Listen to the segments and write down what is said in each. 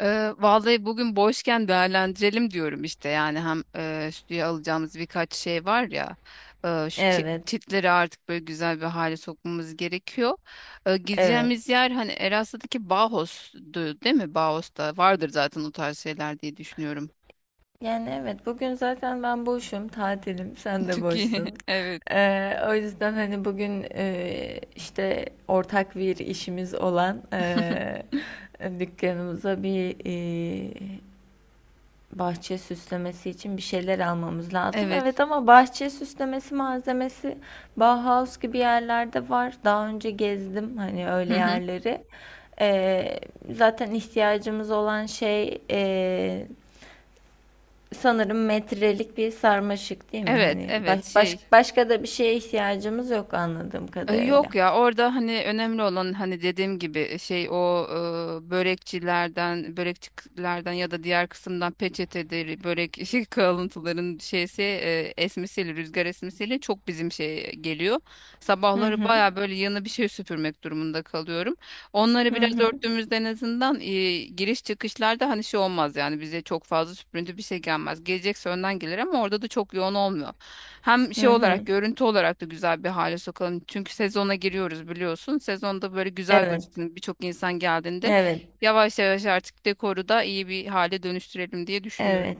Vallahi bugün boşken değerlendirelim diyorum işte yani hem stüdyoya alacağımız birkaç şey var ya şu Evet, çitleri artık böyle güzel bir hale sokmamız gerekiyor. E, evet. gideceğimiz yer hani Eras'taki Bauhaus'du değil mi? Bauhaus'ta vardır zaten o tarz şeyler diye düşünüyorum. Yani evet bugün zaten ben boşum, tatilim, sen de Çünkü boşsun. evet. O yüzden hani bugün işte ortak bir işimiz olan dükkanımıza bir e, bahçe süslemesi için bir şeyler almamız lazım. Evet. Evet ama bahçe süslemesi malzemesi Bauhaus gibi yerlerde var. Daha önce gezdim hani Hı öyle hı. yerleri. Ee, Zaten ihtiyacımız olan şey sanırım metrelik bir sarmaşık değil mi? Evet, Hani evet, şey. başka da bir şeye ihtiyacımız yok anladığım kadarıyla. Yok ya, orada hani önemli olan hani dediğim gibi şey, o börekçilerden ya da diğer kısımdan peçeteleri, börek şey, kalıntıların şeysi esmesiyle, rüzgar esmesiyle çok bizim şey geliyor. Hı Sabahları hı. baya böyle yanı bir şey süpürmek durumunda kalıyorum. Onları Hı biraz hı. örttüğümüzde en azından giriş çıkışlarda hani şey olmaz yani, bize çok fazla süprüntü bir şey gelmez. Gelecekse önden gelir ama orada da çok yoğun olmuyor. Hem şey Hı olarak, hı. görüntü olarak da güzel bir hale sokalım. Çünkü sezona giriyoruz biliyorsun. Sezonda böyle güzel Evet. gözüksün, birçok insan geldiğinde Evet. yavaş yavaş artık dekoru da iyi bir hale dönüştürelim diye düşünüyorum. Evet.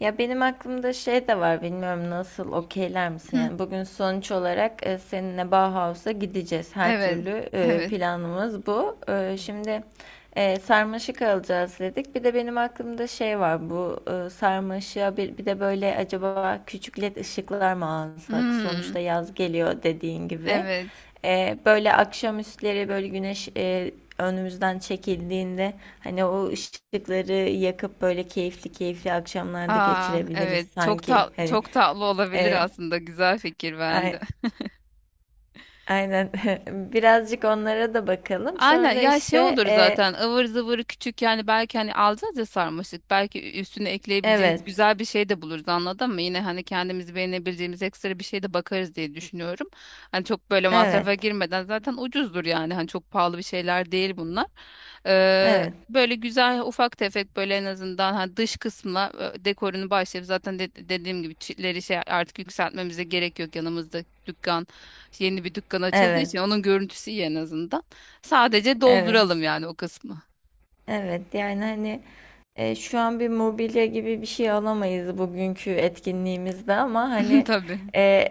Ya benim aklımda şey de var, bilmiyorum nasıl okeyler misin? Hı, Yani bugün sonuç olarak seninle Bauhaus'a gideceğiz. Her evet. türlü Evet. planımız bu. Şimdi, sarmaşık alacağız dedik. Bir de benim aklımda şey var, bu sarmaşığa bir de böyle acaba küçük led ışıklar mı alsak? Hmm, Sonuçta yaz geliyor dediğin gibi. evet. Böyle akşamüstleri böyle güneş önümüzden çekildiğinde hani o ışıkları yakıp böyle keyifli keyifli akşamlarda Aa, geçirebiliriz evet. Çok sanki. tat Hani çok tatlı olabilir e, aslında. Güzel fikir, beğendim. ay- aynen, birazcık onlara da bakalım. Aynen Sonra ya, şey işte, olur zaten, ıvır zıvır küçük, yani belki hani alacağız ya sarmaşık, belki üstüne ekleyebileceğimiz evet, güzel bir şey de buluruz, anladın mı? Yine hani kendimizi beğenebileceğimiz ekstra bir şey de bakarız diye düşünüyorum. Hani çok böyle evet, masrafa girmeden, zaten ucuzdur yani, hani çok pahalı bir şeyler değil bunlar. Ee, evet, böyle güzel ufak tefek, böyle en azından hani dış kısmına dekorunu başlayıp zaten dediğim gibi çitleri şey artık yükseltmemize gerek yok, yanımızda dükkan, yeni bir dükkan açıldığı evet. için onun görüntüsü iyi en azından. Sadece Evet, dolduralım yani o kısmı. evet. Yani hani şu an bir mobilya gibi bir şey alamayız bugünkü etkinliğimizde ama hani Tabii. e,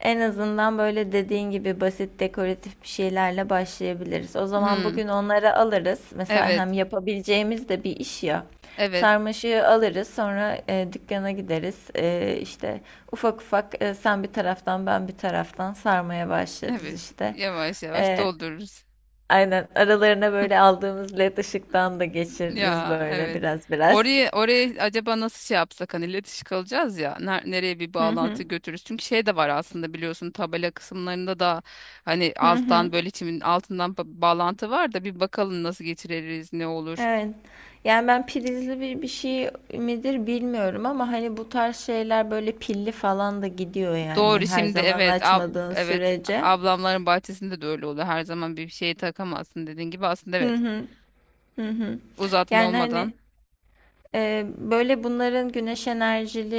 en azından böyle dediğin gibi basit dekoratif bir şeylerle başlayabiliriz. O zaman Hmm, bugün onları alırız. Mesela hem evet. yapabileceğimiz de bir iş ya. Evet. Sarmaşığı alırız, sonra dükkana gideriz. İşte ufak ufak sen bir taraftan ben bir taraftan sarmaya başlarız Evet. işte. Yavaş yavaş E, doldururuz. Aynen aralarına böyle aldığımız led ışıktan da geçiririz Ya, böyle evet. biraz biraz. Oraya acaba nasıl şey yapsak, hani iletişim kalacağız ya, nereye bir Hı bağlantı hı. götürürüz? Çünkü şey de var aslında, biliyorsun tabela kısımlarında da hani Hı alttan, hı. böyle çimin altından bağlantı var da bir bakalım nasıl geçiririz, ne olur. Evet. Yani ben prizli bir şey midir bilmiyorum ama hani bu tarz şeyler böyle pilli falan da gidiyor, yani Doğru, her şimdi zaman evet, açmadığın evet, sürece. ablamların bahçesinde de öyle oluyor. Her zaman bir şey takamazsın dediğin gibi, aslında Hı evet. hı. Hı hı. Uzatma Yani hani, olmadan. Böyle bunların güneş enerjili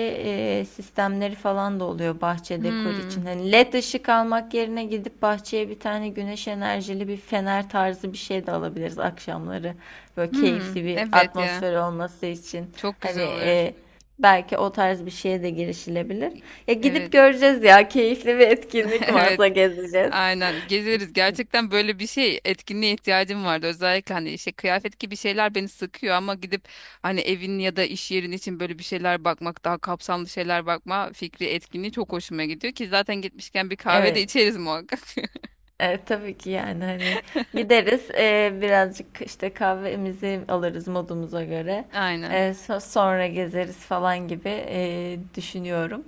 sistemleri falan da oluyor bahçe dekor Hmm. için. Hani led ışık almak yerine gidip bahçeye bir tane güneş enerjili bir fener tarzı bir şey de alabiliriz akşamları. Böyle Hmm. keyifli bir Evet ya. atmosfer olması için. Çok Hani güzel olur. Belki o tarz bir şeye de girişilebilir. Ya gidip Evet. göreceğiz, ya keyifli bir etkinlik Evet. varsa gezeceğiz. Aynen. Gezeriz. Gerçekten böyle bir şey, etkinliğe ihtiyacım vardı. Özellikle hani işte kıyafet gibi şeyler beni sıkıyor, ama gidip hani evin ya da iş yerin için böyle bir şeyler bakmak, daha kapsamlı şeyler bakma fikri etkinliği çok hoşuma gidiyor ki zaten gitmişken bir kahve de Evet. içeriz muhakkak. Tabii ki, yani hani gideriz, birazcık işte kahvemizi alırız modumuza göre. Aynen. Sonra gezeriz falan gibi düşünüyorum.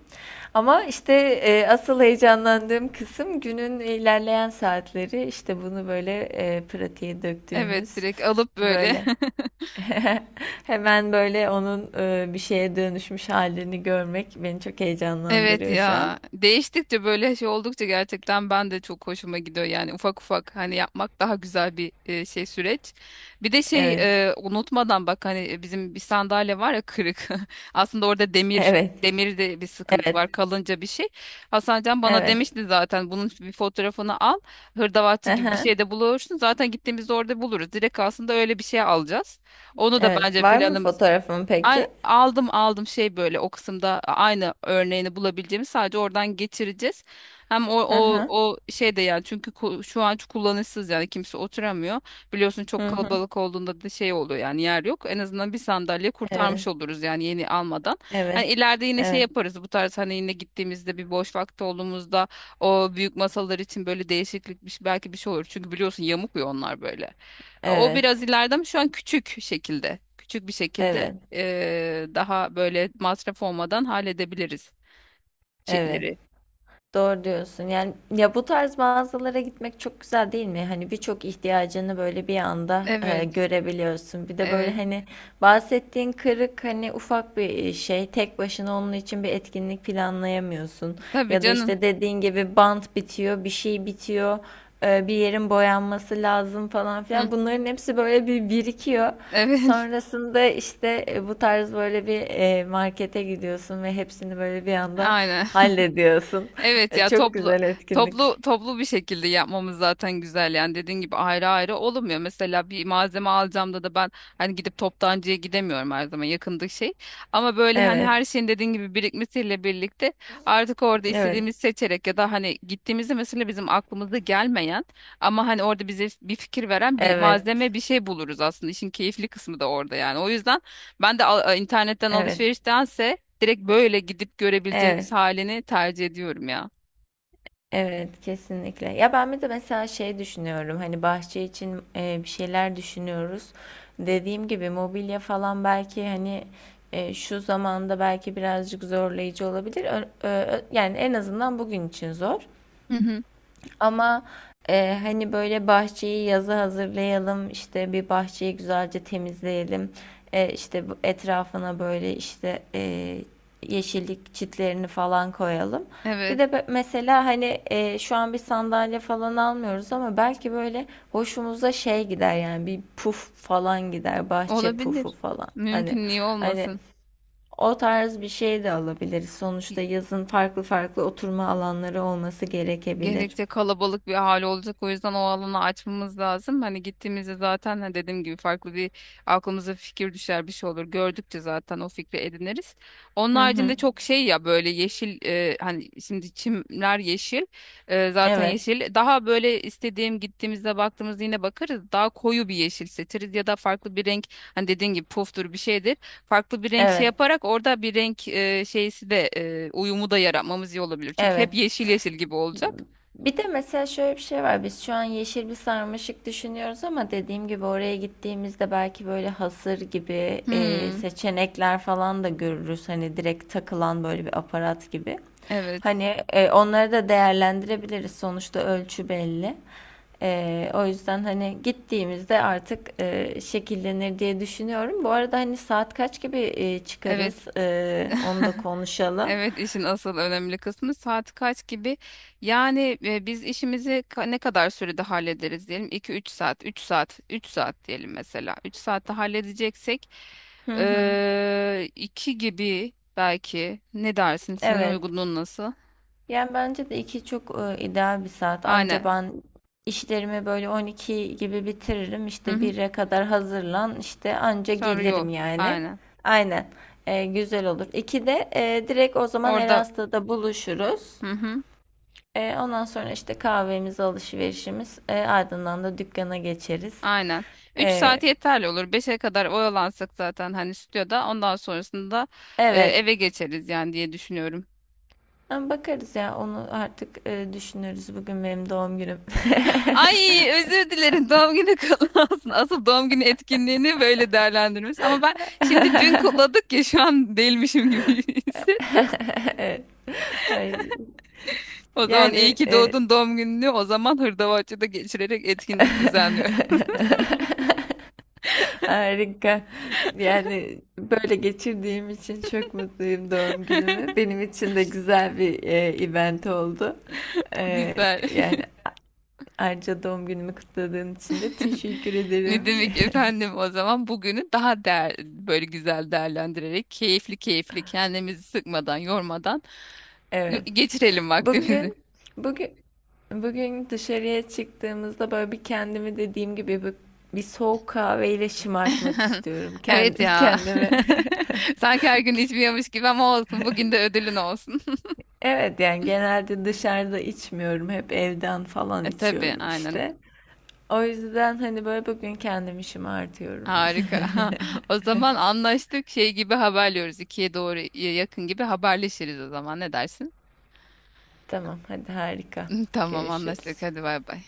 Ama işte asıl heyecanlandığım kısım günün ilerleyen saatleri, işte bunu böyle pratiğe Evet, döktüğümüz direkt alıp böyle. böyle, hemen böyle onun bir şeye dönüşmüş halini görmek beni çok Evet heyecanlandırıyor şu an. ya, değiştikçe böyle şey oldukça gerçekten ben de, çok hoşuma gidiyor yani ufak ufak hani yapmak daha güzel bir şey, süreç. Bir de şey, Evet, unutmadan bak, hani bizim bir sandalye var ya kırık, aslında orada demir evet, demirde bir sıkıntı var, kalınca bir şey. Hasan Can bana evet, evet. demişti zaten bunun bir fotoğrafını al, hırdavatçı gibi bir şey de bulursun zaten, gittiğimizde orada buluruz direkt, aslında öyle bir şey alacağız. Onu da Evet. bence Var mı planımızda. fotoğrafın Ay- peki? Aldım aldım şey, böyle o kısımda aynı örneğini bulabileceğimiz, sadece oradan geçireceğiz. Hem o Hı o hı. o şey de yani, çünkü şu an kullanışsız yani, kimse oturamıyor. Biliyorsun çok Hı hı. kalabalık olduğunda da şey oluyor yani, yer yok. En azından bir sandalye Evet. kurtarmış oluruz yani, yeni almadan. Hani Evet. ileride yine şey Evet. yaparız bu tarz, hani yine gittiğimizde bir boş vakti olduğumuzda o büyük masalar için böyle değişiklik belki bir şey olur. Çünkü biliyorsun yamuk ya onlar, böyle. O biraz Evet. ileride, ama şu an küçük şekilde. Küçük bir şekilde Evet. Daha böyle masraf olmadan halledebiliriz Evet. çiftleri. Doğru diyorsun. Yani ya bu tarz mağazalara gitmek çok güzel değil mi? Hani birçok ihtiyacını böyle bir anda Evet, görebiliyorsun. Bir de böyle evet. hani bahsettiğin kırık hani ufak bir şey. Tek başına onun için bir etkinlik planlayamıyorsun. Tabii Ya da canım. işte dediğin gibi bant bitiyor, bir şey bitiyor. Bir yerin boyanması lazım falan Hı, filan. Bunların hepsi böyle bir birikiyor. evet, Sonrasında işte bu tarz böyle bir markete gidiyorsun ve hepsini böyle bir anda aynen. hallediyorsun. Evet ya, Çok toplu güzel toplu etkinlik. toplu bir şekilde yapmamız zaten güzel yani, dediğin gibi ayrı ayrı olmuyor. Mesela bir malzeme alacağım da ben hani gidip toptancıya gidemiyorum her zaman, yakındık şey. Ama böyle hani Evet, her şeyin dediğin gibi birikmesiyle birlikte artık orada evet, istediğimizi seçerek, ya da hani gittiğimizde mesela bizim aklımıza gelmeyen, ama hani orada bize bir fikir veren bir evet, malzeme, bir şey buluruz, aslında işin keyifli kısmı da orada yani. O yüzden ben de internetten evet, alışveriştense direkt böyle gidip görebileceğimiz evet. halini tercih ediyorum ya. Evet, kesinlikle. Ya ben bir de mesela şey düşünüyorum, hani bahçe için bir şeyler düşünüyoruz. Dediğim gibi mobilya falan belki hani şu zamanda belki birazcık zorlayıcı olabilir. Yani en azından bugün için zor. Hı hı. Ama hani böyle bahçeyi yaza hazırlayalım, işte bir bahçeyi güzelce temizleyelim, işte bu etrafına böyle işte yeşillik çitlerini falan koyalım. Bir Evet, de mesela hani şu an bir sandalye falan almıyoruz ama belki böyle hoşumuza şey gider, yani bir puf falan gider, bahçe pufu olabilir. falan. Hani Mümkün, niye hani olmasın? o tarz bir şey de alabiliriz. Sonuçta yazın farklı farklı oturma alanları olması gerekebilir. Gerekçe kalabalık bir hal olacak. O yüzden o alanı açmamız lazım. Hani gittiğimizde zaten, ha, dediğim gibi farklı bir, aklımıza fikir düşer, bir şey olur. Gördükçe zaten o fikri ediniriz. Onun Hı haricinde hı. çok şey ya, böyle yeşil, hani şimdi çimler yeşil, zaten Evet, yeşil. Daha böyle istediğim gittiğimizde baktığımızda yine bakarız. Daha koyu bir yeşil seçeriz ya da farklı bir renk, hani dediğin gibi puftur, bir şeydir. Farklı bir renk şey evet, yaparak orada bir renk, şeysi de uyumu da yaratmamız iyi olabilir. Çünkü hep evet. yeşil yeşil gibi olacak. Bir de mesela şöyle bir şey var. Biz şu an yeşil bir sarmaşık düşünüyoruz ama dediğim gibi oraya gittiğimizde belki böyle hasır gibi Hmm, seçenekler falan da görürüz. Hani direkt takılan böyle bir aparat gibi. evet, Hani onları da değerlendirebiliriz. Sonuçta ölçü belli. O yüzden hani gittiğimizde artık şekillenir diye düşünüyorum. Bu arada hani saat kaç gibi evet. çıkarız? Onu da konuşalım. Evet, işin asıl önemli kısmı saat kaç gibi. Yani biz işimizi, ne kadar sürede hallederiz diyelim? İki üç saat, 3 saat diyelim mesela. 3 saatte halledeceksek Hı hı. 2 gibi belki. Ne dersin? Senin Evet. uygunluğun nasıl? Yani bence de iki çok ideal bir saat. Anca Aynen. ben işlerimi böyle 12 gibi bitiririm. Hı İşte hı. 1'e kadar hazırlan. İşte anca Sonra yol. gelirim yani. Aynen. Aynen. Güzel olur. 2'de direkt o zaman Orada. Erasta'da buluşuruz. Hı hı. Ondan sonra işte kahvemiz, alışverişimiz. Ardından da dükkana geçeriz. Aynen. 3 E, saat yeterli olur. 5'e kadar oyalansak zaten hani stüdyoda, ondan sonrasında evet. eve geçeriz yani diye düşünüyorum. Ama bakarız, ya onu artık düşünürüz. Bugün benim doğum günüm. Ay, özür dilerim, doğum günü kutlu olsun. Asıl doğum günü etkinliğini böyle değerlendirmiş. Ama ben şimdi, dün kutladık ya, şu an değilmişim gibi hisset. Evet. Ay, O zaman iyi yani, ki doğdun, doğum gününü o zaman Hırdavatçı'da geçirerek etkinlik düzenliyorum. harika. Yani böyle geçirdiğim için çok mutluyum doğum günümü. Benim için de güzel bir event oldu. E, Güzel. Yani ayrıca doğum günümü kutladığın için de teşekkür ederim. Ne demek efendim, o zaman bugünü daha böyle güzel değerlendirerek, keyifli keyifli, kendimizi sıkmadan yormadan Evet. geçirelim vaktimizi. Bugün bugün bugün dışarıya çıktığımızda böyle bir kendimi, dediğim gibi, bir soğuk kahveyle şımartmak istiyorum. Evet Kendi ya. kendime. Sanki her gün içmiyormuş gibi, ama olsun. Bugün de ödülün olsun. Evet, yani genelde dışarıda içmiyorum. Hep evden falan Tabii, içiyorum aynen. işte. O yüzden hani böyle bugün kendim işimi artıyorum. Harika. O zaman anlaştık. Şey gibi haberliyoruz. 2'ye doğru yakın gibi haberleşiriz o zaman. Ne dersin? Tamam, hadi, harika. Tamam, anlaştık. Görüşürüz. Hadi bay bay.